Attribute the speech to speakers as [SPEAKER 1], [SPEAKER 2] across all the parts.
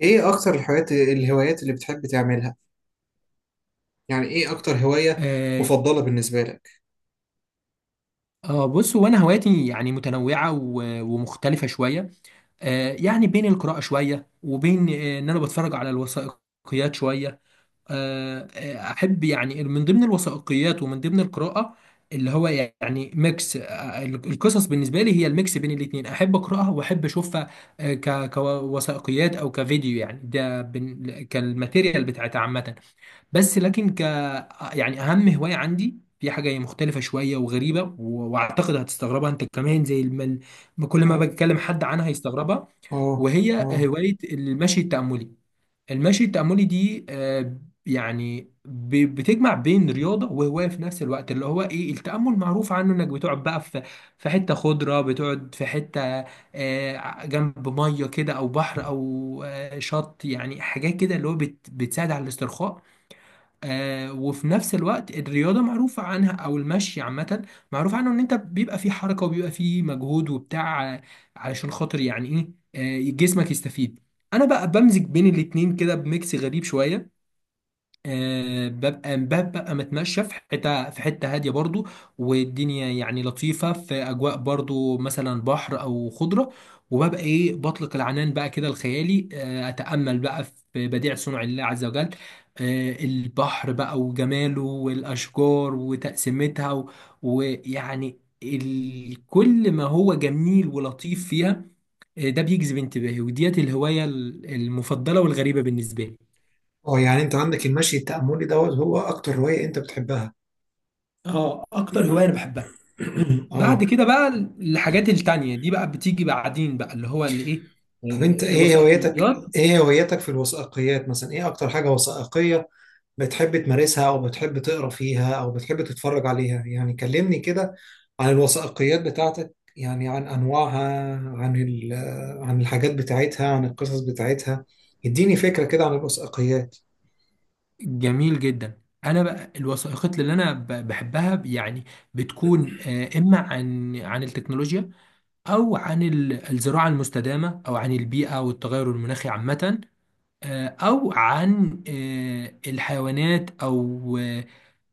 [SPEAKER 1] ايه اكتر الحاجات الهوايات اللي بتحب تعملها؟ يعني ايه اكتر هواية
[SPEAKER 2] آه
[SPEAKER 1] مفضلة بالنسبة لك؟
[SPEAKER 2] بص هو انا هواياتي يعني متنوعه ومختلفه شويه. يعني بين القراءه شويه وبين ان انا بتفرج على الوثائقيات شويه. احب يعني من ضمن الوثائقيات ومن ضمن القراءه، اللي هو يعني ميكس، القصص بالنسبه لي هي الميكس بين الاثنين، احب اقراها واحب اشوفها، كوثائقيات او كفيديو، يعني ده كالماتيريال بتاعتها عامه. بس لكن يعني اهم هوايه عندي في حاجه مختلفه شويه وغريبه واعتقد هتستغربها انت كمان. كل ما
[SPEAKER 1] أي.
[SPEAKER 2] بكلم حد عنها هيستغربها.
[SPEAKER 1] اه.
[SPEAKER 2] وهي
[SPEAKER 1] اه.
[SPEAKER 2] هوايه المشي التاملي. المشي التاملي دي، يعني بتجمع بين رياضه وهوايه في نفس الوقت، اللي هو ايه، التامل معروف عنه انك بتقعد بقى في حته خضره، بتقعد في حته، جنب ميه كده او بحر او شط، يعني حاجات كده اللي هو بتساعد على الاسترخاء. وفي نفس الوقت الرياضة معروفة عنها أو المشي عامة معروف عنه إن أنت بيبقى فيه حركة وبيبقى فيه مجهود وبتاع، علشان خاطر يعني إيه جسمك يستفيد. أنا بقى بمزج بين الاتنين كده بميكس غريب شوية، ببقى متمشى في حته هاديه برضو، والدنيا يعني لطيفه في اجواء برضو مثلا بحر او خضره، وببقى ايه بطلق العنان بقى كده الخيالي، اتامل بقى في بديع صنع الله عز وجل، البحر بقى وجماله والاشجار وتقسيمتها، ويعني كل ما هو جميل ولطيف فيها، ده بيجذب انتباهي، وديت الهوايه المفضله والغريبه بالنسبه لي.
[SPEAKER 1] اه، يعني انت عندك المشي التأملي دوت هو اكتر هواية انت بتحبها؟
[SPEAKER 2] اه، اكتر هوايه
[SPEAKER 1] من-
[SPEAKER 2] انا بحبها. بعد
[SPEAKER 1] اه.
[SPEAKER 2] كده بقى الحاجات التانية دي بقى بتيجي بعدين بقى، اللي هو اللي ايه،
[SPEAKER 1] طب انت ايه هوايتك؟
[SPEAKER 2] الوثائقيات.
[SPEAKER 1] ايه هوايتك في الوثائقيات مثلا؟ ايه اكتر حاجة وثائقية بتحب تمارسها، او بتحب تقرا فيها، او بتحب تتفرج عليها؟ يعني كلمني كده عن الوثائقيات بتاعتك، يعني عن انواعها، عن ال- عن الحاجات بتاعتها، عن القصص بتاعتها. اديني فكرة كده عن الوثائقيات.
[SPEAKER 2] جميل جدا. انا بقى الوثائقيات اللي انا بحبها، يعني بتكون، اما عن التكنولوجيا، او عن الزراعة المستدامة، او عن البيئة والتغير المناخي عامة، او عن الحيوانات، او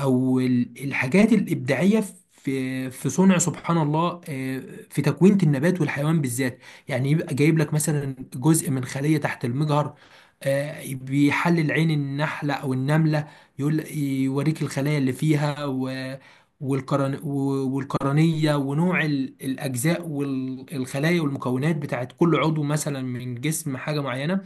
[SPEAKER 2] او الحاجات الابداعيه في صنع سبحان الله، في تكوينه النبات والحيوان بالذات. يعني يبقى جايب لك مثلا جزء من خليه تحت المجهر، بيحلل عين النحله او النمله، يقول يوريك الخلايا اللي فيها والقرن والقرنيه ونوع الاجزاء والخلايا والمكونات بتاعت كل عضو مثلا من جسم حاجه معينه.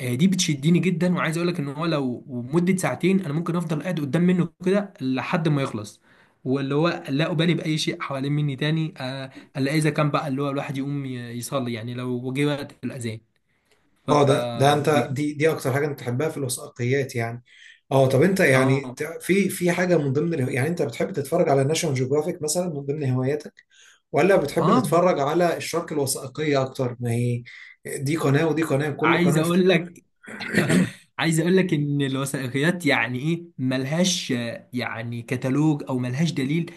[SPEAKER 2] دي بتشدني جدا، وعايز اقول لك ان هو لو مدة ساعتين انا ممكن افضل قاعد قدام منه كده لحد ما يخلص، واللي هو لا ابالي باي شيء حوالين مني تاني، الا اذا كان بقى اللي هو الواحد يقوم يصلي، يعني لو جه وقت الاذان. ف
[SPEAKER 1] اه، ده
[SPEAKER 2] بج-
[SPEAKER 1] انت دي اكتر حاجة انت بتحبها في الوثائقيات يعني. اه، طب انت يعني
[SPEAKER 2] اه
[SPEAKER 1] في حاجة يعني انت بتحب تتفرج على ناشونال جيوغرافيك مثلا من ضمن هواياتك، ولا بتحب
[SPEAKER 2] اه
[SPEAKER 1] تتفرج على الشارك الوثائقية اكتر؟ ما هي دي قناة ودي قناة، كل
[SPEAKER 2] عايز
[SPEAKER 1] قناة.
[SPEAKER 2] اقول لك عايز اقول لك ان الوثائقيات يعني ايه ملهاش، يعني كتالوج او ملهاش دليل.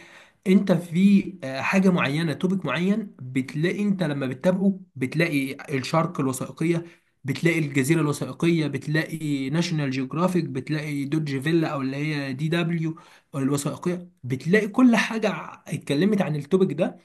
[SPEAKER 2] انت في، حاجه معينه، توبيك معين، بتلاقي انت لما بتتابعه بتلاقي الشارك الوثائقيه، بتلاقي الجزيره الوثائقيه، بتلاقي ناشونال جيوغرافيك، بتلاقي دوج فيلا او اللي هي DW الوثائقيه، بتلاقي كل حاجه اتكلمت عن التوبيك ده،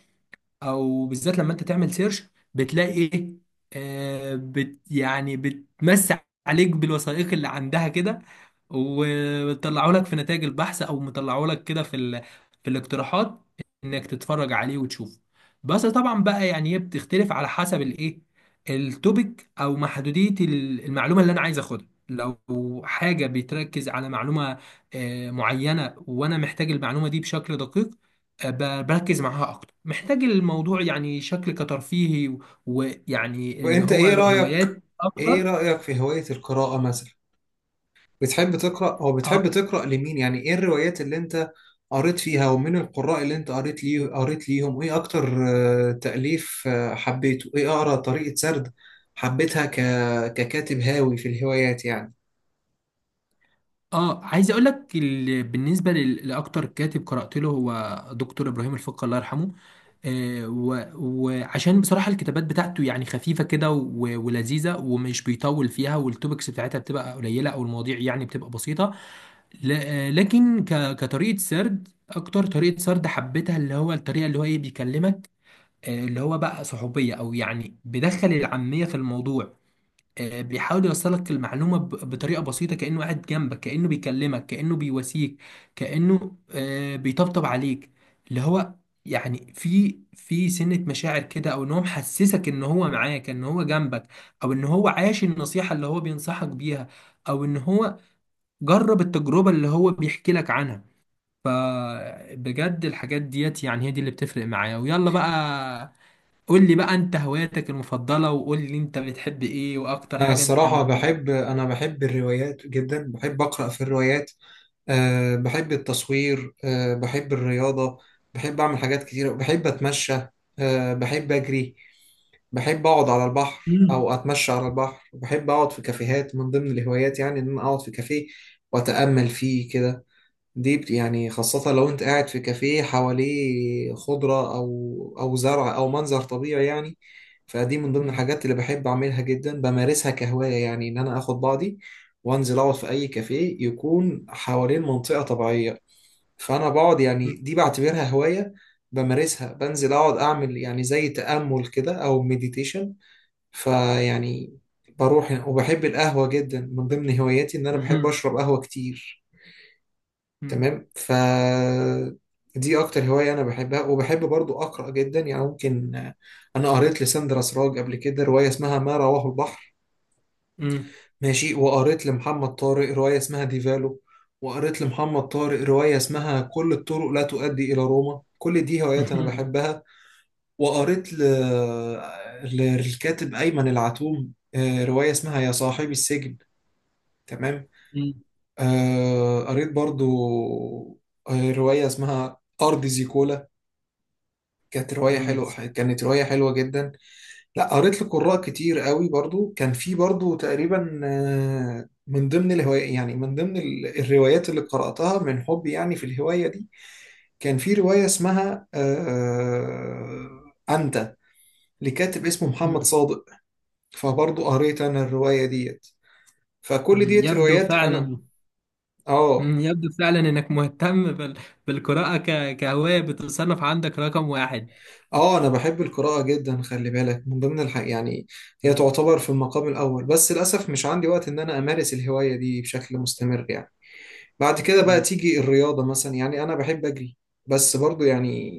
[SPEAKER 2] او بالذات لما انت تعمل سيرش، بتلاقي ايه، آه بت يعني بتمسح عليك بالوثائق اللي عندها كده، وطلعوا لك في نتائج البحث او مطلعوا لك كده في في الاقتراحات انك تتفرج عليه وتشوفه. بس طبعا بقى يعني هي بتختلف على حسب الايه، التوبيك او محدودية المعلومة اللي انا عايز اخدها. لو حاجة بتركز على معلومة، معينة، وانا محتاج المعلومة دي بشكل دقيق، بركز معاها اكتر. محتاج الموضوع يعني شكل كترفيهي
[SPEAKER 1] طب
[SPEAKER 2] ويعني اللي
[SPEAKER 1] انت
[SPEAKER 2] هو
[SPEAKER 1] ايه رأيك؟
[SPEAKER 2] هوايات
[SPEAKER 1] ايه
[SPEAKER 2] اكتر.
[SPEAKER 1] رأيك في هواية القراءة مثلا؟ بتحب تقرأ، او
[SPEAKER 2] آه.
[SPEAKER 1] بتحب تقرأ لمين؟ يعني ايه الروايات اللي انت قريت فيها، ومن القراء اللي انت قريت ليه، قريت ليهم ايه اكتر؟ تأليف حبيته، ايه اقرأ طريقة سرد حبيتها ككاتب هاوي في الهوايات يعني.
[SPEAKER 2] اه، عايز اقول لك بالنسبه لاكتر كاتب قرات له، هو دكتور ابراهيم الفقي الله يرحمه، وعشان بصراحة الكتابات بتاعته يعني خفيفة كده ولذيذة، ومش بيطول فيها، والتوبكس بتاعتها بتبقى قليلة، أو المواضيع يعني بتبقى بسيطة. لكن كطريقة سرد، أكتر طريقة سرد حبيتها اللي هو الطريقة اللي هو إيه بيكلمك، اللي هو بقى صحوبية، أو يعني بيدخل العامية في الموضوع، بيحاول يوصلك المعلومة بطريقة بسيطة، كأنه قاعد جنبك، كأنه بيكلمك، كأنه بيواسيك، كأنه بيطبطب عليك، اللي هو يعني في سنة مشاعر كده، او ان هو محسسك ان هو معاك ان هو جنبك، او ان هو عاش النصيحة اللي هو بينصحك بيها، او ان هو جرب التجربة اللي هو بيحكي لك عنها. فبجد الحاجات ديت يعني هي دي اللي بتفرق معايا. ويلا بقى، قول لي بقى انت هواياتك المفضلة، وقول لي انت بتحب ايه واكتر
[SPEAKER 1] انا
[SPEAKER 2] حاجة انت
[SPEAKER 1] الصراحة
[SPEAKER 2] مهتم.
[SPEAKER 1] بحب، انا بحب الروايات جدا، بحب أقرأ في الروايات. أه، بحب التصوير. أه، بحب الرياضة. بحب اعمل حاجات كتيرة، بحب اتمشى. أه، بحب اجري. بحب اقعد على البحر
[SPEAKER 2] مم.
[SPEAKER 1] او اتمشى على البحر. بحب اقعد في كافيهات، من ضمن الهوايات يعني ان انا اقعد في كافيه واتامل فيه كده. يعني خاصة لو انت قاعد في كافيه حواليه خضرة، او او زرع او منظر طبيعي يعني. فدي من ضمن
[SPEAKER 2] مم.
[SPEAKER 1] الحاجات اللي بحب اعملها جدا، بمارسها كهواية يعني، ان انا اخد بعضي وانزل اقعد في اي كافيه يكون حوالين منطقة طبيعية. فانا بقعد، يعني
[SPEAKER 2] مم.
[SPEAKER 1] دي بعتبرها هواية بمارسها، بنزل اقعد اعمل يعني زي تأمل كده او مديتيشن. فيعني بروح، وبحب القهوة جدا، من ضمن هواياتي إن أنا بحب
[SPEAKER 2] مم.
[SPEAKER 1] أشرب قهوة كتير.
[SPEAKER 2] مم.
[SPEAKER 1] تمام. ف دي أكتر هواية أنا بحبها. وبحب برضو أقرأ جدا، يعني ممكن، أنا قريت لساندرا سراج قبل كده رواية اسمها ما رواه البحر.
[SPEAKER 2] مم.
[SPEAKER 1] ماشي. وقريت لمحمد طارق رواية اسمها ديفالو، وقريت لمحمد طارق رواية اسمها كل الطرق لا تؤدي إلى روما. كل دي هوايات أنا بحبها. وقريت ل... للكاتب أيمن العتوم رواية اسمها يا صاحبي السجن. تمام.
[SPEAKER 2] مم.
[SPEAKER 1] قريت برضو رواية اسمها أرض زيكولا. كانت رواية
[SPEAKER 2] مم.
[SPEAKER 1] حلوة، كانت رواية حلوة جدا. لا، قريت لقراء كتير قوي برضو. كان في برضو تقريبا، من ضمن الهواية يعني، الروايات اللي قرأتها من حبي يعني في الهواية دي، كان في رواية اسمها أنت، لكاتب اسمه محمد
[SPEAKER 2] مم.
[SPEAKER 1] صادق. فبرضه قريت انا الرواية ديت، فكل
[SPEAKER 2] مم.
[SPEAKER 1] ديت
[SPEAKER 2] يبدو
[SPEAKER 1] روايات انا.
[SPEAKER 2] فعلا
[SPEAKER 1] اه.
[SPEAKER 2] مم. يبدو فعلا انك مهتم بالقراءة كهواية، بتصنف عندك رقم واحد.
[SPEAKER 1] اه، انا بحب القراءة جدا، خلي بالك، يعني هي
[SPEAKER 2] مم.
[SPEAKER 1] تعتبر في المقام الاول. بس للاسف مش عندي وقت ان انا امارس الهواية دي بشكل مستمر يعني. بعد كده بقى تيجي الرياضة مثلا، يعني انا بحب اجري. بس برضه يعني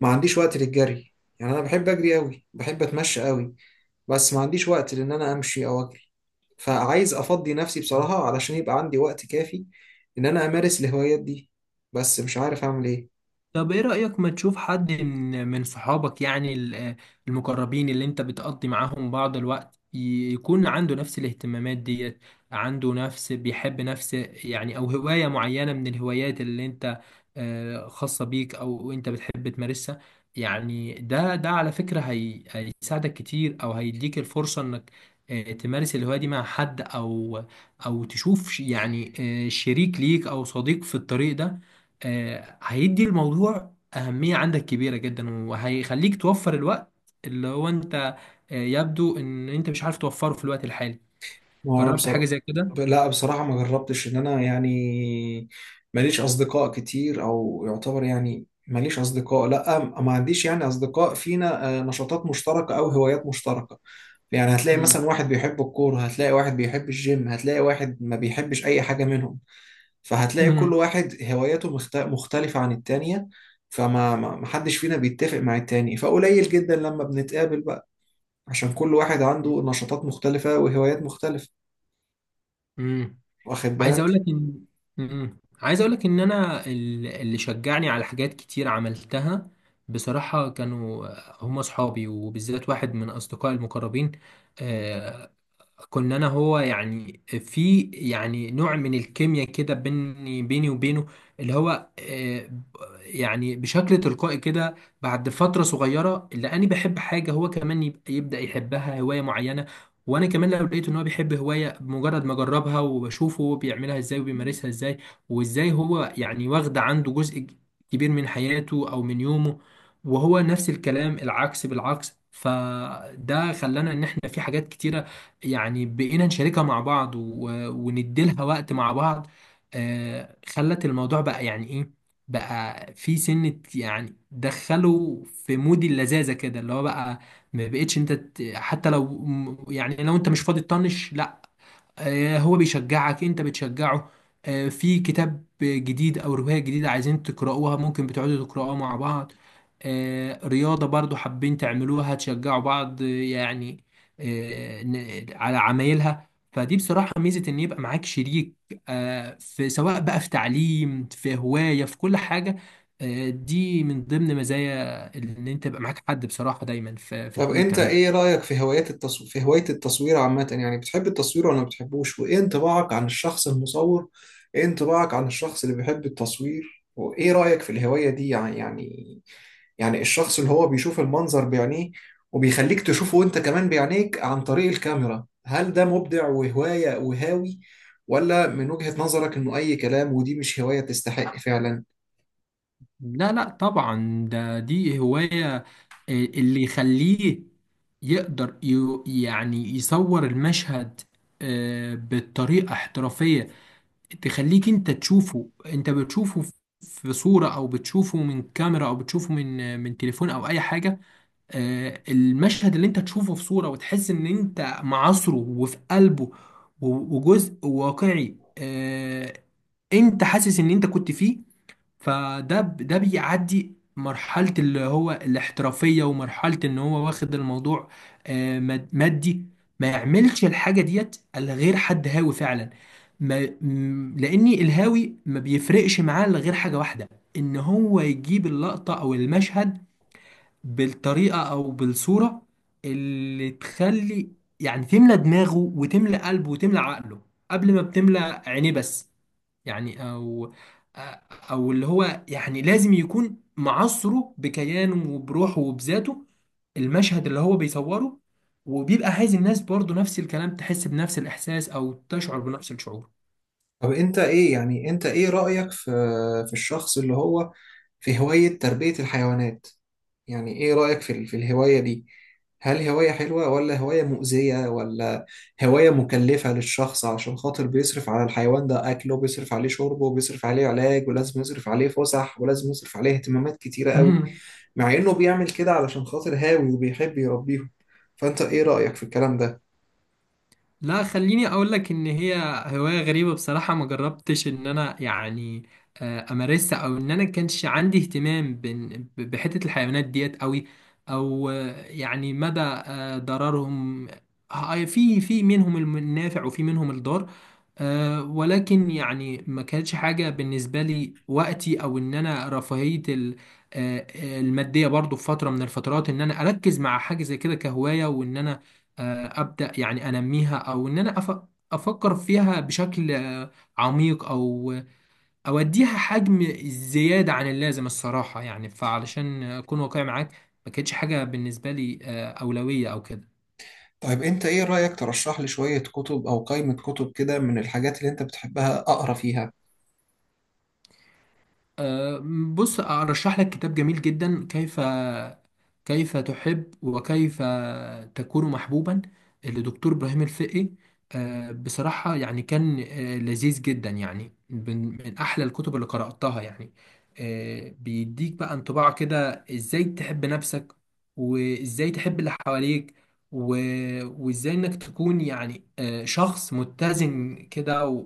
[SPEAKER 1] ما عنديش وقت للجري. يعني انا بحب اجري قوي، بحب اتمشى قوي، بس ما عنديش وقت لان انا امشي او اجري. فعايز افضي نفسي
[SPEAKER 2] مم.
[SPEAKER 1] بصراحة، علشان يبقى عندي وقت كافي ان انا امارس الهوايات دي. بس مش عارف اعمل ايه.
[SPEAKER 2] طب ايه رأيك ما تشوف حد من صحابك، يعني المقربين اللي انت بتقضي معاهم بعض الوقت، يكون عنده نفس الاهتمامات ديت، عنده نفس، بيحب نفس، يعني او هواية معينة من الهوايات اللي انت، خاصة بيك او انت بتحب تمارسها. يعني ده ده على فكرة هي هيساعدك كتير، او هيديك الفرصة انك، تمارس الهواية دي مع حد، او او تشوف يعني، شريك ليك او صديق في الطريق ده، هيدي الموضوع أهمية عندك كبيرة جدا، وهيخليك توفر الوقت اللي هو أنت، يبدو إن أنت مش عارف توفره في الوقت الحالي.
[SPEAKER 1] ما هو انا
[SPEAKER 2] جربت حاجة
[SPEAKER 1] بصراحة
[SPEAKER 2] زي كده؟
[SPEAKER 1] لا، بصراحة ما جربتش ان انا يعني ماليش اصدقاء كتير، او يعتبر يعني ماليش اصدقاء. لا، ما عنديش يعني اصدقاء فينا نشاطات مشتركة او هوايات مشتركة. يعني هتلاقي مثلا
[SPEAKER 2] مم.
[SPEAKER 1] واحد بيحب الكورة، هتلاقي واحد بيحب الجيم، هتلاقي واحد ما بيحبش اي حاجة منهم. فهتلاقي كل
[SPEAKER 2] مم.
[SPEAKER 1] واحد هواياته مختلفة عن التانية. فما ما ما حدش فينا بيتفق مع التاني، فقليل جدا لما بنتقابل بقى، عشان كل واحد عنده نشاطات مختلفة وهوايات مختلفة.
[SPEAKER 2] مم.
[SPEAKER 1] واخد
[SPEAKER 2] عايز أقول
[SPEAKER 1] بالك؟
[SPEAKER 2] لك إن مم. عايز أقول لك إن أنا اللي شجعني على حاجات كتير عملتها بصراحة كانوا هم أصحابي، وبالذات واحد من أصدقائي المقربين، آه، كنا انا هو يعني في يعني نوع من الكيمياء كده بيني وبينه، اللي هو، يعني بشكل تلقائي كده، بعد فترة صغيرة اللي انا بحب حاجة هو كمان يبدأ يحبها، هواية معينة. وانا كمان لو لقيت ان هو بيحب هواية بمجرد ما اجربها وبشوفه هو بيعملها ازاي وبيمارسها ازاي وازاي هو يعني واخدة عنده جزء كبير من حياته او من يومه، وهو نفس الكلام العكس بالعكس. فده خلانا ان احنا في حاجات كتيرة يعني بقينا نشاركها مع بعض، ونديلها وقت مع بعض، خلت الموضوع بقى يعني ايه، بقى في سنة يعني دخله في مود اللذاذة كده، اللي هو بقى ما بقتش انت حتى لو يعني لو انت مش فاضي تطنش، لا. هو بيشجعك، انت بتشجعه، في كتاب جديد او رواية جديدة عايزين تقرأوها ممكن بتقعدوا تقرأوها مع بعض، رياضة برضو حابين تعملوها تشجعوا بعض يعني، على عمايلها. فدي بصراحة ميزة ان يبقى معاك شريك، في سواء بقى في تعليم في هواية في كل حاجة. دي من ضمن مزايا ان انت يبقى معاك حد بصراحة دايما في
[SPEAKER 1] طب
[SPEAKER 2] الحاجة اللي
[SPEAKER 1] انت ايه
[SPEAKER 2] بتعملها.
[SPEAKER 1] رأيك في هوايات التصوير، في هواية التصوير عامة؟ يعني بتحب التصوير ولا ما بتحبوش؟ وايه انطباعك عن الشخص المصور؟ ايه انطباعك عن الشخص اللي بيحب التصوير، وايه رأيك في الهواية دي يعني؟ يعني يعني الشخص اللي هو بيشوف المنظر بعينيه وبيخليك تشوفه وانت كمان بعينيك عن طريق الكاميرا، هل ده مبدع وهواية وهاوي، ولا من وجهة نظرك انه اي كلام ودي مش هواية تستحق فعلا؟
[SPEAKER 2] لا لا طبعا، دي هواية، اللي يخليه يقدر يعني يصور المشهد، بطريقة احترافية، تخليك انت تشوفه، انت بتشوفه في صورة، او بتشوفه من كاميرا، او بتشوفه من تليفون او اي حاجة، المشهد اللي انت تشوفه في صورة وتحس ان انت معاصره، وفي قلبه وجزء واقعي، انت حاسس ان انت كنت فيه. فده بيعدي مرحلة اللي هو الاحترافية، ومرحلة ان هو واخد الموضوع، مادي. ما يعملش الحاجة ديت الا غير حد هاوي فعلا، ما م- لاني الهاوي ما بيفرقش معاه الا غير حاجة واحدة، ان هو يجيب اللقطة او المشهد بالطريقة او بالصورة اللي تخلي يعني تملى دماغه وتملى قلبه وتملى عقله قبل ما بتملى عينيه بس. يعني، او اللي هو يعني لازم يكون معصره بكيانه وبروحه وبذاته، المشهد اللي هو بيصوره، وبيبقى عايز الناس برضو نفس الكلام تحس بنفس الاحساس او تشعر بنفس الشعور.
[SPEAKER 1] طب انت ايه، يعني انت ايه رأيك في في الشخص اللي هو في هواية تربية الحيوانات؟ يعني ايه رأيك في الهواية دي؟ هل هواية حلوة، ولا هواية مؤذية، ولا هواية مكلفة للشخص عشان خاطر بيصرف على الحيوان ده أكله، بيصرف عليه شربه، بيصرف عليه علاج، ولازم يصرف عليه فسح، ولازم يصرف عليه اهتمامات كتيرة قوي، مع إنه بيعمل كده علشان خاطر هاوي وبيحب يربيهم؟ فأنت إيه رأيك في الكلام ده؟
[SPEAKER 2] لا، خليني اقول لك ان هي هواية غريبة. بصراحة ما جربتش ان انا يعني، امارسها، او ان انا كانش عندي اهتمام بحتة الحيوانات ديت قوي، او يعني مدى ضررهم، في منهم النافع، وفي منهم الضار، ولكن يعني ما كانتش حاجة بالنسبة لي وقتي، او ان انا رفاهية المادية برضو، في فترة من الفترات ان انا اركز مع حاجة زي كده كهواية وان انا، ابدا يعني انميها، او ان انا افكر فيها بشكل، عميق، او اوديها حجم زياده عن اللازم الصراحه يعني. فعلشان اكون واقعي معاك، ما كانتش حاجه بالنسبه لي اولويه او كده.
[SPEAKER 1] طيب أنت إيه رأيك ترشح لي شوية كتب أو قائمة كتب كده من الحاجات اللي أنت بتحبها أقرأ فيها؟
[SPEAKER 2] أه، بص أرشح لك كتاب جميل جدا، كيف تحب وكيف تكون محبوبا، لدكتور إبراهيم الفقي. بصراحة يعني كان لذيذ جدا. يعني من أحلى الكتب اللي قرأتها، يعني بيديك بقى انطباع كده إزاي تحب نفسك، وإزاي تحب اللي حواليك، و- وإزاي إنك تكون يعني شخص متزن كده